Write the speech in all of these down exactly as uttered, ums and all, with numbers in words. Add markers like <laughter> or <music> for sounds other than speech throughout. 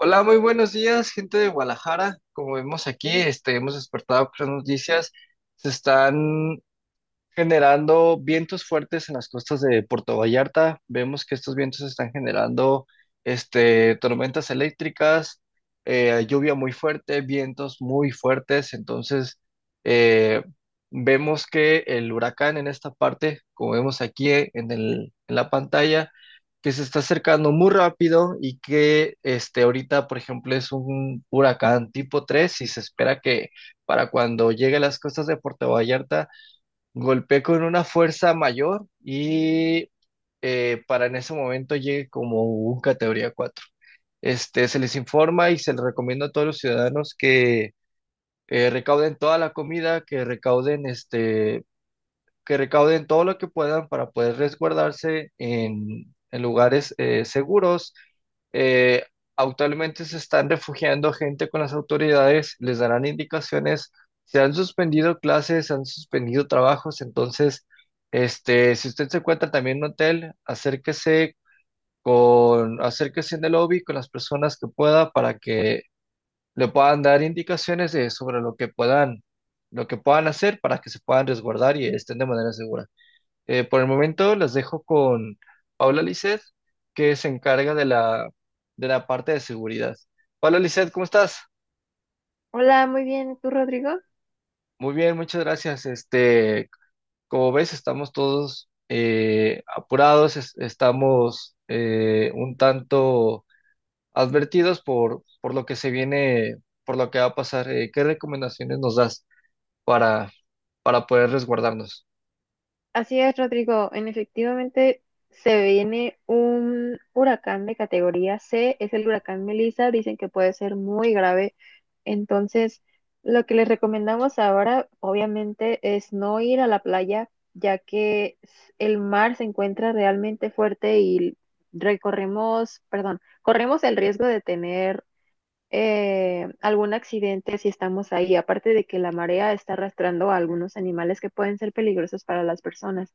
Hola, muy buenos días, gente de Guadalajara. Como vemos aquí, este, hemos despertado con las noticias. Se están generando vientos fuertes en las costas de Puerto Vallarta. Vemos que estos vientos están generando este, tormentas eléctricas, eh, lluvia muy fuerte, vientos muy fuertes. Entonces, eh, vemos que el huracán en esta parte, como vemos aquí en el- en la pantalla, que se está acercando muy rápido y que este, ahorita, por ejemplo, es un huracán tipo tres y se espera que para cuando llegue a las costas de Puerto Vallarta, golpeé con una fuerza mayor y eh, para en ese momento llegue como un categoría cuatro. Este, se les informa y se les recomienda a todos los ciudadanos que eh, recauden toda la comida, que recauden este, que recauden todo lo que puedan para poder resguardarse en, en lugares eh, seguros. Eh, actualmente se están refugiando gente con las autoridades, les darán indicaciones, se han suspendido clases, se han suspendido trabajos, entonces, este, si usted se encuentra también en un hotel, acérquese con, acérquese en el lobby con las personas que pueda para que le puedan dar indicaciones de- sobre lo que puedan, lo que puedan hacer para que se puedan resguardar y estén de manera segura. Eh, por el momento las dejo con Paula Lisset, que se encarga de la, de la parte de seguridad. Paula Lisset, ¿cómo estás? Hola, muy bien. ¿Tú, Rodrigo? Muy bien, muchas gracias. Este, como ves, estamos todos eh, apurados, es- estamos eh, un tanto advertidos por, por lo que se viene, por lo que va a pasar. Eh, ¿qué recomendaciones nos das para, para poder resguardarnos? Así es, Rodrigo. En efectivamente se viene un huracán de categoría C. Es el huracán Melissa. Dicen que puede ser muy grave. Entonces, lo que les recomendamos ahora, obviamente, es no ir a la playa, ya que s- el mar se encuentra realmente fuerte y recorremos, perdón, corremos el riesgo de tener eh, algún accidente si estamos ahí, aparte de que la marea está arrastrando a algunos animales que pueden ser peligrosos para las personas.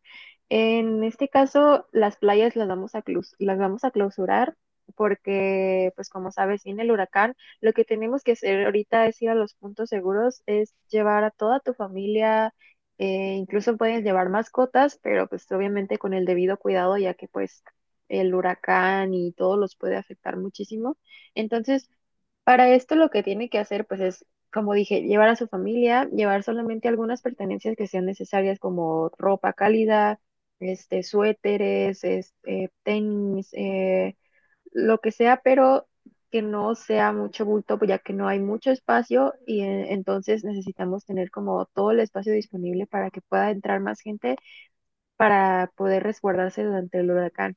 En este caso, las playas las vamos a, claus- las vamos a clausurar porque, pues como sabes, viene el huracán. Lo que tenemos que hacer ahorita es ir a los puntos seguros, es llevar a toda tu familia. Eh, incluso puedes llevar mascotas, pero pues obviamente con el debido cuidado, ya que pues el huracán y todo los puede afectar muchísimo. Entonces, para esto lo que tiene que hacer, pues es, como dije, llevar a su familia, llevar solamente algunas pertenencias que sean necesarias, como ropa cálida, este, suéteres, este, tenis, eh, lo que sea, pero que no sea mucho bulto, pues, ya que no hay mucho espacio y eh, entonces necesitamos tener como todo el espacio disponible para que pueda entrar más gente para poder resguardarse durante el huracán.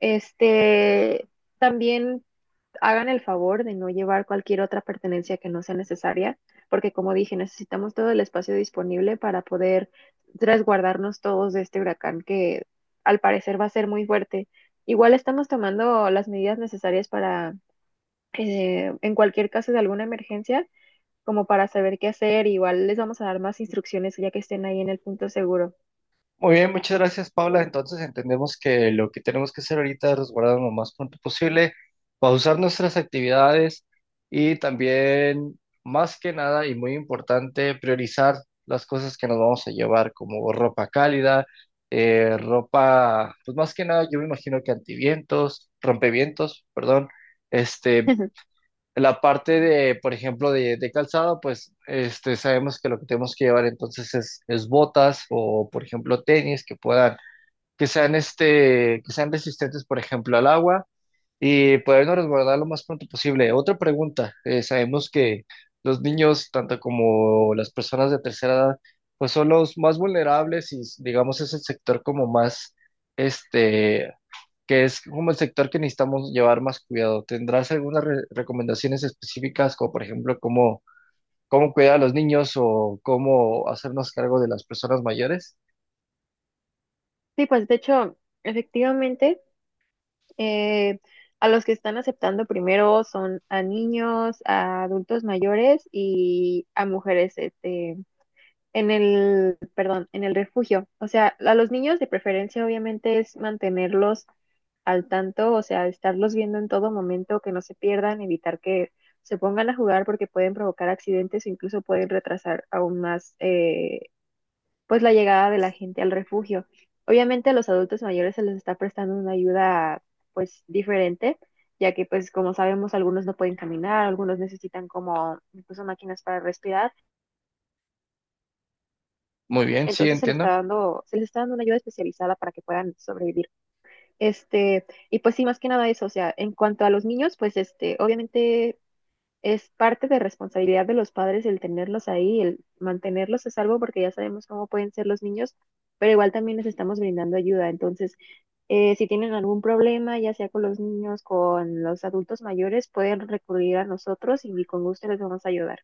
Este, también hagan el favor de no llevar cualquier otra pertenencia que no sea necesaria, porque como dije, necesitamos todo el espacio disponible para poder resguardarnos todos de este huracán que al parecer va a ser muy fuerte. Igual estamos tomando las medidas necesarias para, eh, en cualquier caso de alguna emergencia, como para saber qué hacer. Igual les vamos a dar más instrucciones ya que estén ahí en el punto seguro. Muy bien, muchas gracias, Paula. Entonces entendemos que lo que tenemos que hacer ahorita es resguardarnos lo más pronto posible, pausar nuestras actividades y también, más que nada y muy importante, priorizar las cosas que nos vamos a llevar, como ropa cálida, eh, ropa, pues más que nada, yo me imagino que antivientos, rompevientos, perdón, este, <laughs> la parte de, por ejemplo, de, de calzado, pues este, sabemos que lo que tenemos que llevar entonces es, es botas o, por ejemplo, tenis que puedan, que sean, este, que sean resistentes, por ejemplo, al agua y podernos resguardar lo más pronto posible. Otra pregunta, eh, sabemos que los niños, tanto como las personas de tercera edad, pues son los más vulnerables y digamos es el sector como más, este, que es como el sector que necesitamos llevar más cuidado. ¿Tendrás algunas re- recomendaciones específicas, como por ejemplo cómo, cómo cuidar a los niños o cómo hacernos cargo de las personas mayores? Sí, pues de hecho, efectivamente, Eh, a los que están aceptando primero son a niños, a adultos mayores y a mujeres, este, en el, perdón, en el refugio. O sea, a los niños de preferencia obviamente es mantenerlos al tanto, o sea, estarlos viendo en todo momento, que no se pierdan, evitar que se pongan a jugar porque pueden provocar accidentes o incluso pueden retrasar aún más eh, pues la llegada de la gente al refugio. Obviamente a los adultos mayores se les está prestando una ayuda pues diferente, ya que pues como sabemos algunos no pueden caminar, algunos necesitan como incluso máquinas para respirar, Muy bien, sí, entonces se les está entiendo. dando se les está dando una ayuda especializada para que puedan sobrevivir. Este, y pues sí, más que nada eso, o sea, en cuanto a los niños, pues este, obviamente es parte de responsabilidad de los padres el tenerlos ahí, el mantenerlos a salvo, porque ya sabemos cómo pueden ser los niños, pero igual también les estamos brindando ayuda. Entonces, eh, si tienen algún problema, ya sea con los niños, con los adultos mayores, pueden recurrir a nosotros y con gusto les vamos a ayudar.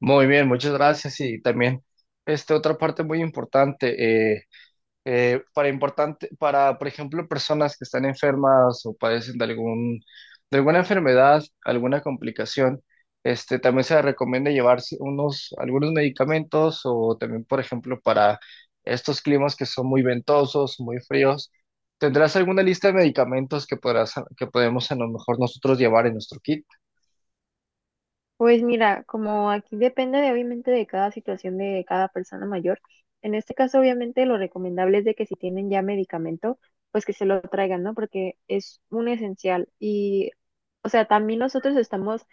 Muy bien, muchas gracias. Y también, este, otra parte muy importante, eh, eh, para importante, para, por ejemplo, personas que están enfermas o padecen de algún, de alguna enfermedad, alguna complicación, este, también se recomienda llevarse unos, algunos medicamentos o también, por ejemplo, para estos climas que son muy ventosos, muy fríos, ¿tendrás alguna lista de medicamentos que podrás, que podemos a lo mejor nosotros llevar en nuestro kit? Pues mira, como aquí depende de, obviamente de cada situación de cada persona mayor, en este caso obviamente lo recomendable es de que si tienen ya medicamento, pues que se lo traigan, ¿no? Porque es un esencial. Y, o sea, también nosotros estamos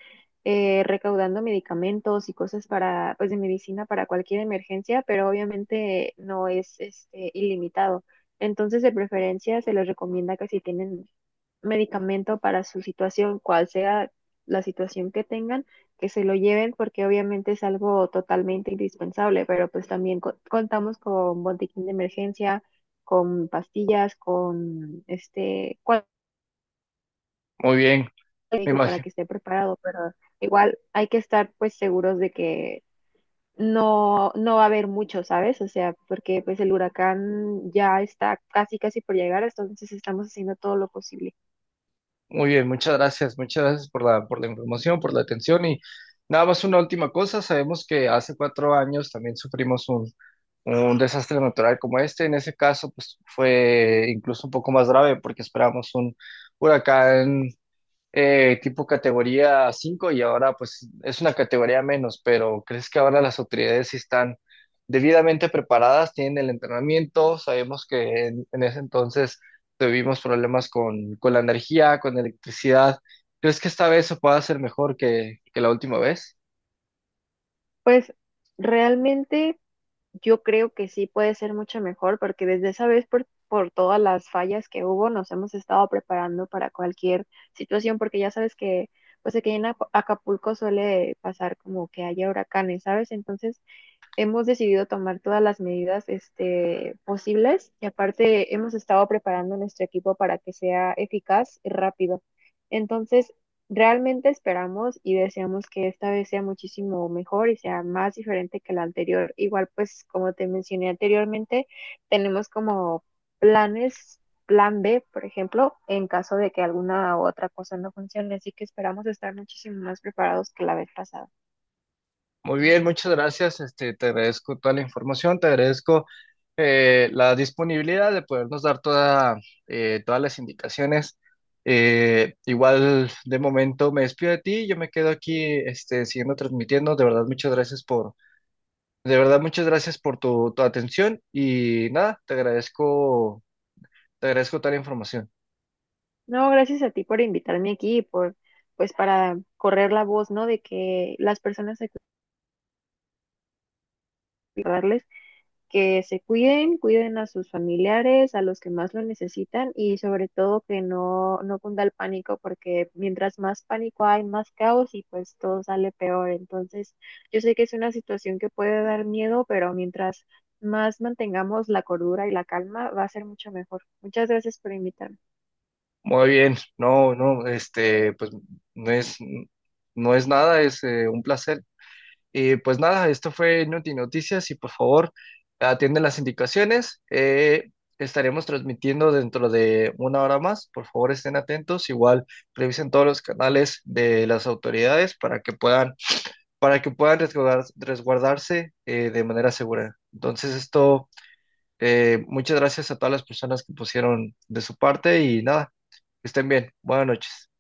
eh, recaudando medicamentos y cosas para, pues de medicina para cualquier emergencia, pero obviamente no es este, ilimitado. Entonces, de preferencia, se les recomienda que si tienen medicamento para su situación, cual sea la situación que tengan, que se lo lleven porque obviamente es algo totalmente indispensable, pero pues también co- contamos con botiquín de emergencia, con pastillas, con este cual- Muy bien, me médico para imagino. que esté preparado, pero igual hay que estar pues seguros de que no no va a haber mucho, ¿sabes? O sea, porque pues el huracán ya está casi casi por llegar, entonces estamos haciendo todo lo posible. Muy bien, muchas gracias, muchas gracias por la, por la información, por la atención y nada más una última cosa, sabemos que hace cuatro años también sufrimos un, un desastre natural como este, en ese caso pues fue incluso un poco más grave porque esperamos un huracán eh, tipo categoría cinco y ahora pues es una categoría menos, pero ¿crees que ahora las autoridades sí están debidamente preparadas, tienen el entrenamiento? Sabemos que en, en ese entonces tuvimos problemas con, con la energía, con la electricidad. ¿Crees que esta vez se pueda hacer mejor que, que la última vez? Pues realmente yo creo que sí puede ser mucho mejor porque desde esa vez por, por todas las fallas que hubo nos hemos estado preparando para cualquier situación porque ya sabes que pues aquí en Aca- Acapulco suele pasar como que haya huracanes, ¿sabes? Entonces hemos decidido tomar todas las medidas este, posibles y aparte hemos estado preparando nuestro equipo para que sea eficaz y rápido. Entonces, realmente esperamos y deseamos que esta vez sea muchísimo mejor y sea más diferente que la anterior. Igual, pues, como te mencioné anteriormente, tenemos como planes, plan B, por ejemplo, en caso de que alguna u otra cosa no funcione. Así que esperamos estar muchísimo más preparados que la vez pasada. Muy bien, muchas gracias. Este, te agradezco toda la información, te agradezco eh, la disponibilidad de podernos dar toda, eh, todas las indicaciones. Eh, igual de momento me despido de ti, yo me quedo aquí este, siguiendo transmitiendo. De verdad, muchas gracias por, de verdad, muchas gracias por tu, tu atención y nada, te agradezco, te agradezco toda la información. No, gracias a ti por invitarme aquí, por, pues para correr la voz, ¿no? De que las personas hay que cuidarles, que se cuiden, cuiden a sus familiares, a los que más lo necesitan y sobre todo que no, no cunda el pánico, porque mientras más pánico hay, más caos y pues todo sale peor. Entonces, yo sé que es una situación que puede dar miedo, pero mientras más mantengamos la cordura y la calma, va a ser mucho mejor. Muchas gracias por invitarme. Muy bien, no, no, este, pues no es, no es nada, es eh, un placer. Y pues nada, esto fue Noti Noticias y por favor atienden las indicaciones. Eh, estaremos transmitiendo dentro de una hora más. Por favor estén atentos. Igual revisen todos los canales de las autoridades para que puedan, para que puedan resguardar- resguardarse eh, de manera segura. Entonces esto, eh, muchas gracias a todas las personas que pusieron de su parte y nada, que estén bien. Buenas noches.